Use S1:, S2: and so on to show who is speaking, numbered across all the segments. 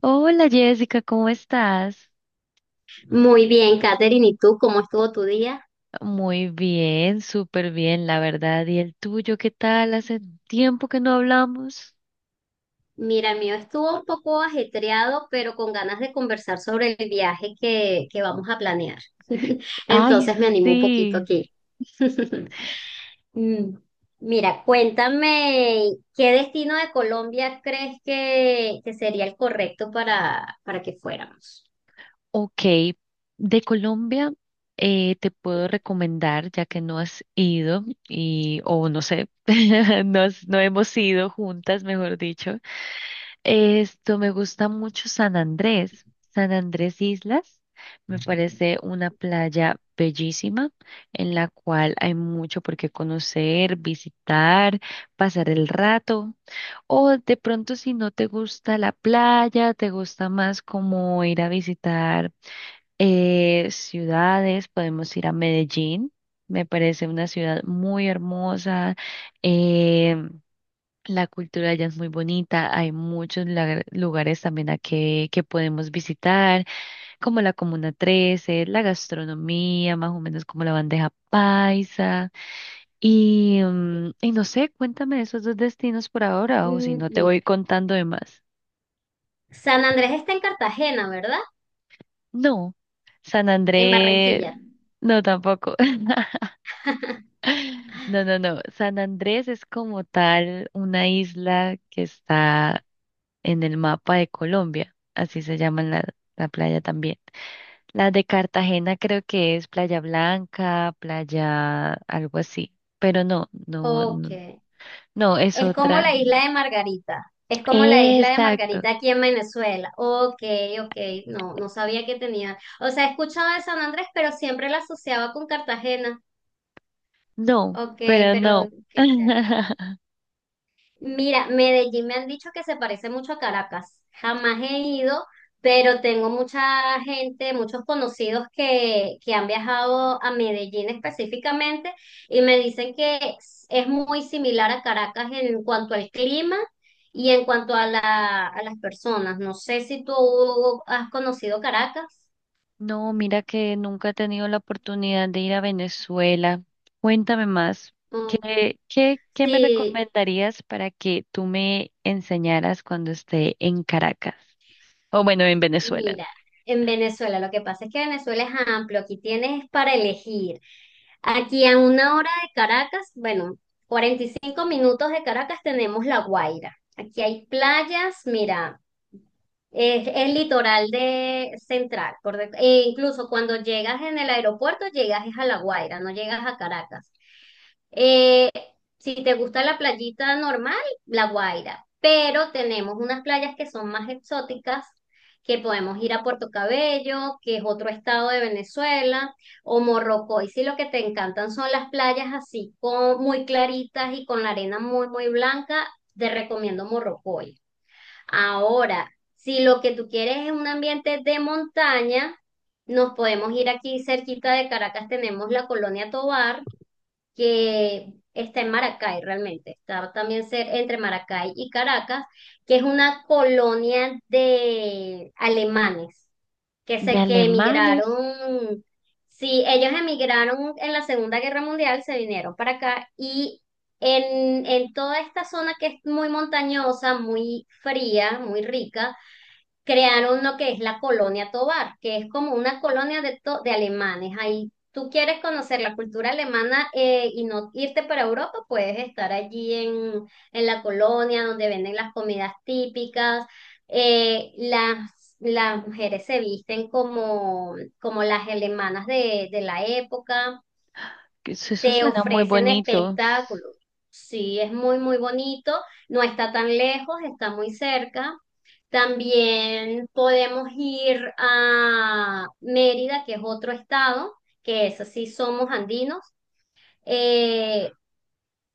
S1: Hola Jessica, ¿cómo estás?
S2: Muy bien, Katherine, ¿y tú cómo estuvo tu día?
S1: Muy bien, súper bien, la verdad. ¿Y el tuyo qué tal? Hace tiempo que no hablamos.
S2: Mira, el mío estuvo un poco ajetreado, pero con ganas de conversar sobre el viaje que vamos a planear.
S1: Ay,
S2: Entonces me animo un poquito
S1: sí.
S2: aquí. Mm, mira, cuéntame, ¿qué destino de Colombia crees que sería el correcto para que fuéramos?
S1: Ok, de Colombia te puedo recomendar, ya que no has ido y, o no sé, no, no hemos ido juntas, mejor dicho. Esto me gusta mucho San Andrés, San Andrés Islas. Me parece una playa bellísima en la cual hay mucho por qué conocer, visitar, pasar el rato. O de pronto si no te gusta la playa, te gusta más como ir a visitar ciudades, podemos ir a Medellín. Me parece una ciudad muy hermosa. eh, la cultura allá es muy bonita, hay muchos lugares también a que podemos visitar, como la Comuna 13, la gastronomía, más o menos como la bandeja paisa. Y, y no sé, cuéntame esos dos destinos por ahora, o si
S2: Mm,
S1: no te
S2: mira,
S1: voy contando de más.
S2: San Andrés está en Cartagena, ¿verdad?
S1: No, San
S2: En
S1: Andrés,
S2: Barranquilla.
S1: no tampoco. No, no, no. San Andrés es como tal una isla que está en el mapa de Colombia, así se llama la playa también. Las de Cartagena creo que es Playa Blanca, playa algo así, pero
S2: Ok.
S1: no, no, es
S2: Es como
S1: otra.
S2: la isla de Margarita. Es como la isla de
S1: Exacto,
S2: Margarita aquí en Venezuela. Ok, ok, no, no sabía que tenía. O sea, he escuchado de San Andrés, pero siempre la asociaba con Cartagena.
S1: no,
S2: Ok,
S1: pero
S2: pero
S1: no.
S2: qué chévere. Mira, Medellín me han dicho que se parece mucho a Caracas. Jamás he ido, pero tengo mucha gente, muchos conocidos que han viajado a Medellín específicamente y me dicen que es muy similar a Caracas en cuanto al clima y en cuanto a las personas. No sé si tú has conocido Caracas,
S1: No, mira que nunca he tenido la oportunidad de ir a Venezuela. Cuéntame más.
S2: o
S1: ¿ qué me
S2: si
S1: recomendarías para que tú me enseñaras cuando esté en Caracas? O bueno, en Venezuela.
S2: mira, en Venezuela, lo que pasa es que Venezuela es amplio, aquí tienes para elegir. Aquí a una hora de Caracas, bueno, 45 minutos de Caracas tenemos La Guaira. Aquí hay playas, mira, es el litoral de central, correcto. E incluso cuando llegas en el aeropuerto, llegas es a La Guaira, no llegas a Caracas. Eh, si te gusta la playita normal, La Guaira, pero tenemos unas playas que son más exóticas, que podemos ir a Puerto Cabello, que es otro estado de Venezuela, o Morrocoy, si lo que te encantan son las playas así, con, muy claritas y con la arena muy, muy blanca, te recomiendo Morrocoy. Ahora, si lo que tú quieres es un ambiente de montaña, nos podemos ir aquí cerquita de Caracas, tenemos la Colonia Tovar, que está en Maracay realmente, está también entre Maracay y Caracas, que es una colonia de alemanes que
S1: De
S2: se que
S1: alemanes,
S2: emigraron, sí, ellos emigraron en la Segunda Guerra Mundial, se vinieron para acá y en toda esta zona que es muy montañosa, muy fría, muy rica, crearon lo que es la Colonia Tovar, que es como una colonia de, de alemanes. Ahí tú quieres conocer la cultura alemana y no irte para Europa, puedes estar en la colonia donde venden las comidas típicas. Las mujeres se visten como, como las alemanas de la época
S1: que eso
S2: te
S1: suena muy
S2: ofrecen
S1: bonito.
S2: espectáculos. Sí, es muy, muy bonito, no está tan lejos, está muy cerca. También podemos ir a Mérida, que es otro estado, que es así, somos andinos, eh,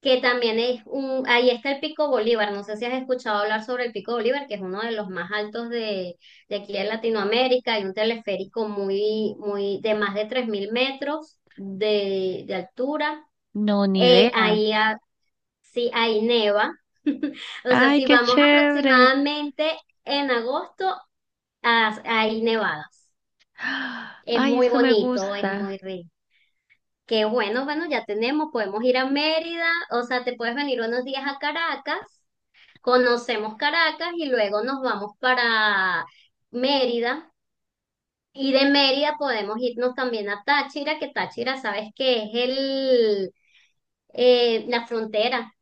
S2: que también es un, ahí está el Pico Bolívar, no sé si has escuchado hablar sobre el Pico Bolívar, que es uno de los más altos de aquí de Latinoamérica, hay un teleférico muy, muy, de más de 3.000 metros de altura.
S1: No, ni
S2: Eh,
S1: idea.
S2: ahí, ha- sí, ahí neva. O sea,
S1: Ay,
S2: si
S1: qué
S2: vamos
S1: chévere.
S2: aproximadamente en agosto, ah, hay nevadas. Es
S1: Ay,
S2: muy
S1: eso me
S2: bonito, es
S1: gusta.
S2: muy rico. Que bueno, bueno, ya tenemos, podemos ir a Mérida, o sea, te puedes venir unos días a Caracas, conocemos Caracas y luego nos vamos para Mérida. Y de Mérida podemos irnos también a Táchira, que Táchira, sabes que es el, la frontera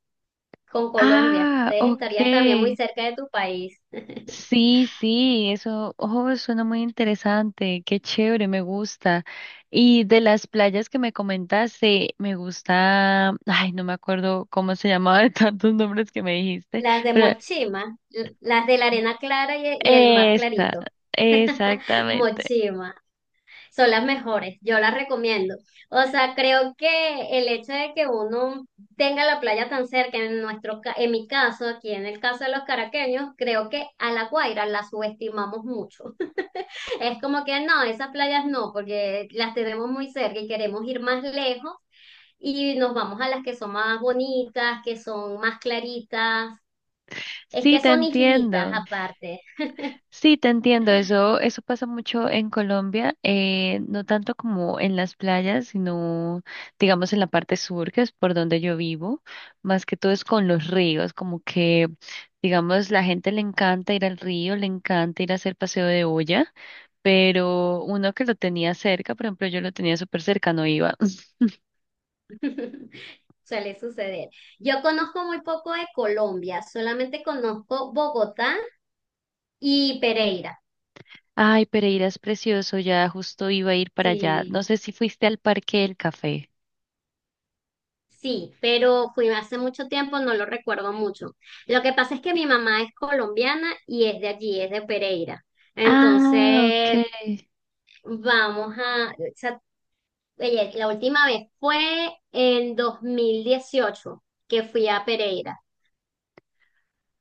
S2: con Colombia.
S1: Ah,
S2: Entonces estarías también
S1: ok.
S2: muy cerca de tu país.
S1: Sí, sí, eso, oh, suena muy interesante. Qué chévere, me gusta. Y de las playas que me comentaste, me gusta, ay, no me acuerdo cómo se llamaba de tantos nombres que me dijiste,
S2: Las de
S1: pero
S2: Mochima, las de la arena clara y el mar
S1: esta,
S2: clarito.
S1: exactamente.
S2: Mochima, son las mejores, yo las recomiendo. O sea, creo que el hecho de que uno tenga la playa tan cerca, en nuestro, en mi caso, aquí en el caso de los caraqueños, creo que a La Guaira la subestimamos mucho. Es como que no, esas playas no, porque las tenemos muy cerca y queremos ir más lejos y nos vamos a las que son más bonitas, que son más claritas. Es
S1: Sí,
S2: que
S1: te
S2: son islitas
S1: entiendo.
S2: aparte.
S1: Sí, te entiendo, eso pasa mucho en Colombia, no tanto como en las playas, sino digamos en la parte sur, que es por donde yo vivo, más que todo es con los ríos, como que digamos la gente le encanta ir al río, le encanta ir a hacer paseo de olla, pero uno que lo tenía cerca, por ejemplo, yo lo tenía súper cerca, no iba.
S2: Suele suceder. Yo conozco muy poco de Colombia, solamente conozco Bogotá y Pereira.
S1: Ay, Pereira es precioso, ya justo iba a ir para allá.
S2: Sí,
S1: No sé si fuiste al Parque del Café.
S2: sí, pero fui hace mucho tiempo, no lo recuerdo mucho. Lo que pasa es que mi mamá es colombiana y es de allí, es de Pereira.
S1: Ah, ok.
S2: Entonces, Vamos a, esa- oye, la última vez fue en 2018 que fui a Pereira,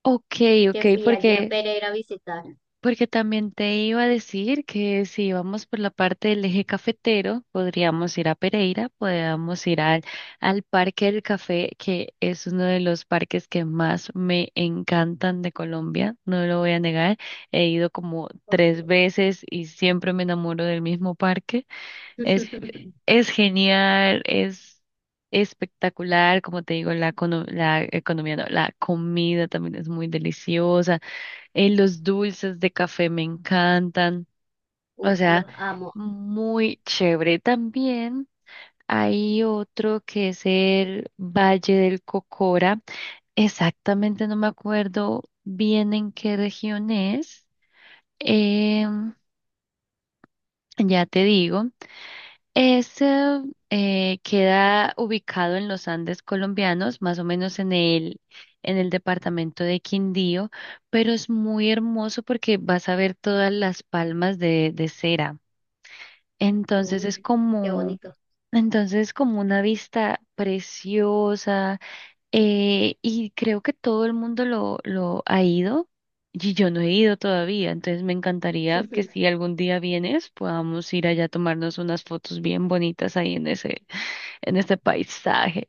S1: Ok,
S2: que
S1: ok,
S2: fui allí a
S1: porque
S2: Pereira a visitar.
S1: porque también te iba a decir que si vamos por la parte del eje cafetero, podríamos ir a Pereira, podríamos ir al Parque del Café, que es uno de los parques que más me encantan de Colombia, no lo voy a negar. He ido como tres
S2: Ok.
S1: veces y siempre me enamoro del mismo parque. Es, es genial, es espectacular, como te digo, la economía, no, la comida también es muy deliciosa los dulces de café me encantan. O
S2: Uf,
S1: sea,
S2: los amo.
S1: muy chévere. También hay otro que es el Valle del Cocora. Exactamente no me acuerdo bien en qué región es. Em, ya te digo. Ese Queda ubicado en los Andes colombianos, más o menos en en el departamento de Quindío, pero es muy hermoso porque vas a ver todas las palmas de cera. Entonces es
S2: Uy, qué
S1: como,
S2: bonito.
S1: entonces es como una vista preciosa. Y creo que todo el mundo lo ha ido y yo no he ido todavía, entonces me encantaría que si algún día vienes podamos ir allá a tomarnos unas fotos bien bonitas ahí en ese, en este paisaje.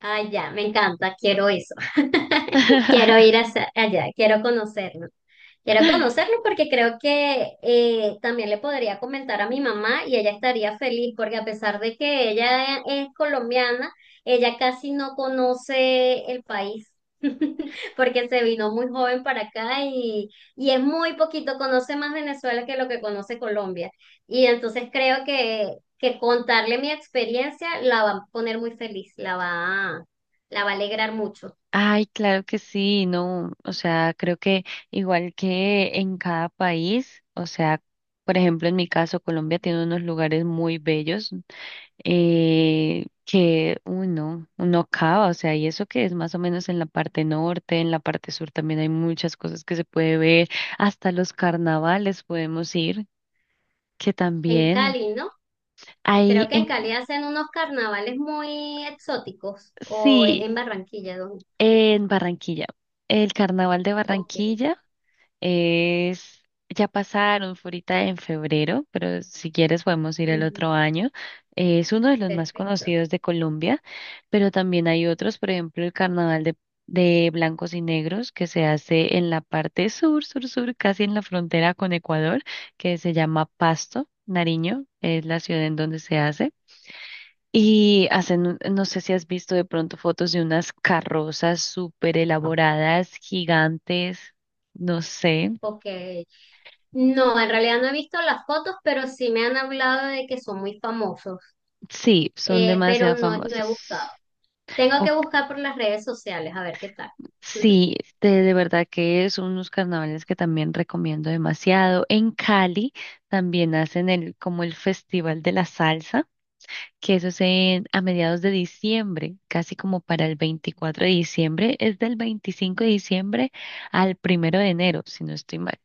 S2: Ay, ya, me encanta, quiero eso. Quiero ir hacia allá, quiero conocerlo. Quiero conocerlo porque creo que también le podría comentar a mi mamá y ella estaría feliz porque a pesar de que ella es colombiana, ella casi no conoce el país porque se vino muy joven para acá y es muy poquito, conoce más Venezuela que lo que conoce Colombia. Y entonces creo que contarle mi experiencia la va a poner muy feliz, la va a alegrar mucho.
S1: Ay, claro que sí, no, o sea, creo que igual que en cada país, o sea, por ejemplo, en mi caso, Colombia tiene unos lugares muy bellos que uno acaba, o sea, y eso que es más o menos en la parte norte, en la parte sur también hay muchas cosas que se puede ver, hasta los carnavales podemos ir, que
S2: En
S1: también
S2: Cali, ¿no?
S1: hay
S2: Creo que en
S1: en,
S2: Cali hacen unos carnavales muy exóticos, o es
S1: sí,
S2: en Barranquilla, ¿dónde?
S1: en Barranquilla, el carnaval de
S2: Ok,
S1: Barranquilla. Es, ya pasaron, fue ahorita en febrero, pero si quieres podemos ir el
S2: ujú,
S1: otro año. Es uno de los más
S2: perfecto.
S1: conocidos de Colombia, pero también hay otros, por ejemplo, el Carnaval de Blancos y Negros, que se hace en la parte sur, sur, sur, casi en la frontera con Ecuador, que se llama Pasto, Nariño, es la ciudad en donde se hace. Y hacen, no sé si has visto de pronto fotos de unas carrozas súper elaboradas, gigantes. No sé.
S2: Ok. No, en realidad no he visto las fotos, pero sí me han hablado de que son muy famosos,
S1: Sí, son demasiado
S2: pero no, no he
S1: famosas.
S2: buscado. Tengo que
S1: O-
S2: buscar por las redes sociales, a ver qué tal.
S1: sí, de verdad que son unos carnavales que también recomiendo demasiado. En Cali también hacen el, como el Festival de la Salsa, que eso es en, a mediados de diciembre, casi como para el 24 de diciembre. Es del 25 de diciembre al primero de enero, si no estoy mal.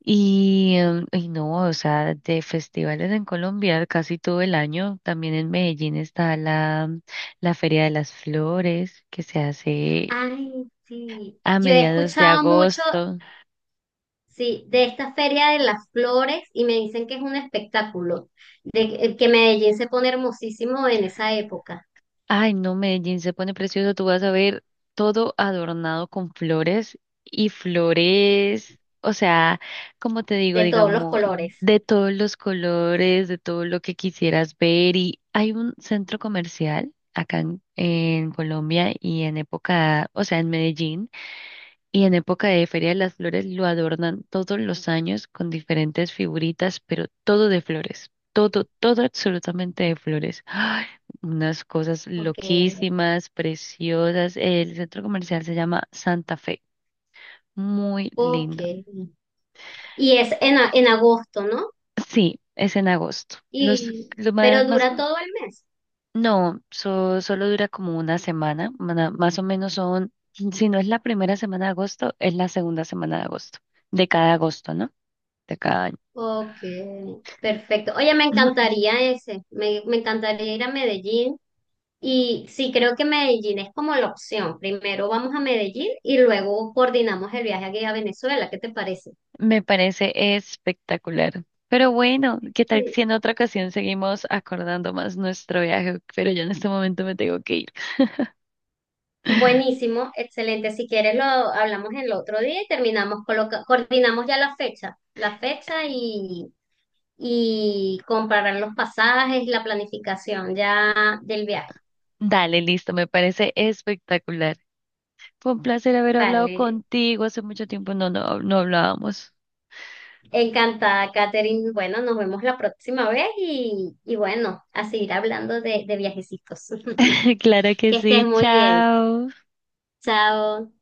S1: Y, y no, o sea, de festivales en Colombia casi todo el año. También en Medellín está la Feria de las Flores que se hace
S2: Ay, sí.
S1: a
S2: Yo he
S1: mediados de
S2: escuchado mucho,
S1: agosto.
S2: sí, de esta Feria de las Flores y me dicen que es un espectáculo, de que Medellín se pone hermosísimo en esa época.
S1: Ay, no, Medellín se pone precioso. Tú vas a ver todo adornado con flores y flores, o sea, como te digo,
S2: De todos los
S1: digamos,
S2: colores.
S1: de todos los colores, de todo lo que quisieras ver. Y hay un centro comercial acá en Colombia y en época, o sea, en Medellín. Y en época de Feria de las Flores lo adornan todos los años con diferentes figuritas, pero todo de flores. Todo, todo absolutamente de flores. ¡Ay! Unas cosas
S2: Ok,
S1: loquísimas, preciosas. El centro comercial se llama Santa Fe. Muy
S2: ok.
S1: lindo.
S2: Y es en, en agosto, ¿no?
S1: Sí, es en agosto.
S2: Y,
S1: Lo
S2: pero
S1: más, más,
S2: dura todo el mes.
S1: no, solo dura como una semana, más o menos son, si no es la primera semana de agosto, es la segunda semana de agosto, de cada agosto, ¿no? De cada año.
S2: Ok, perfecto. Oye, me encantaría ese, me encantaría ir a Medellín. Y sí, creo que Medellín es como la opción. Primero vamos a Medellín y luego coordinamos el viaje aquí a Venezuela. ¿Qué te parece?
S1: Me parece espectacular. Pero bueno, ¿qué tal
S2: Sí.
S1: si en otra ocasión seguimos acordando más nuestro viaje? Pero yo en este momento me tengo que ir.
S2: Buenísimo, excelente. Si quieres lo hablamos el otro día y terminamos, coordinamos ya la fecha y comparar los pasajes la planificación ya del viaje.
S1: Dale, listo, me parece espectacular. Fue un placer haber hablado
S2: Vale,
S1: contigo. Hace mucho tiempo no hablábamos.
S2: encantada, Katherine. Bueno, nos vemos la próxima vez y bueno, a seguir hablando de viajecitos.
S1: Claro que
S2: Que estés
S1: sí,
S2: muy bien.
S1: chao.
S2: Chao.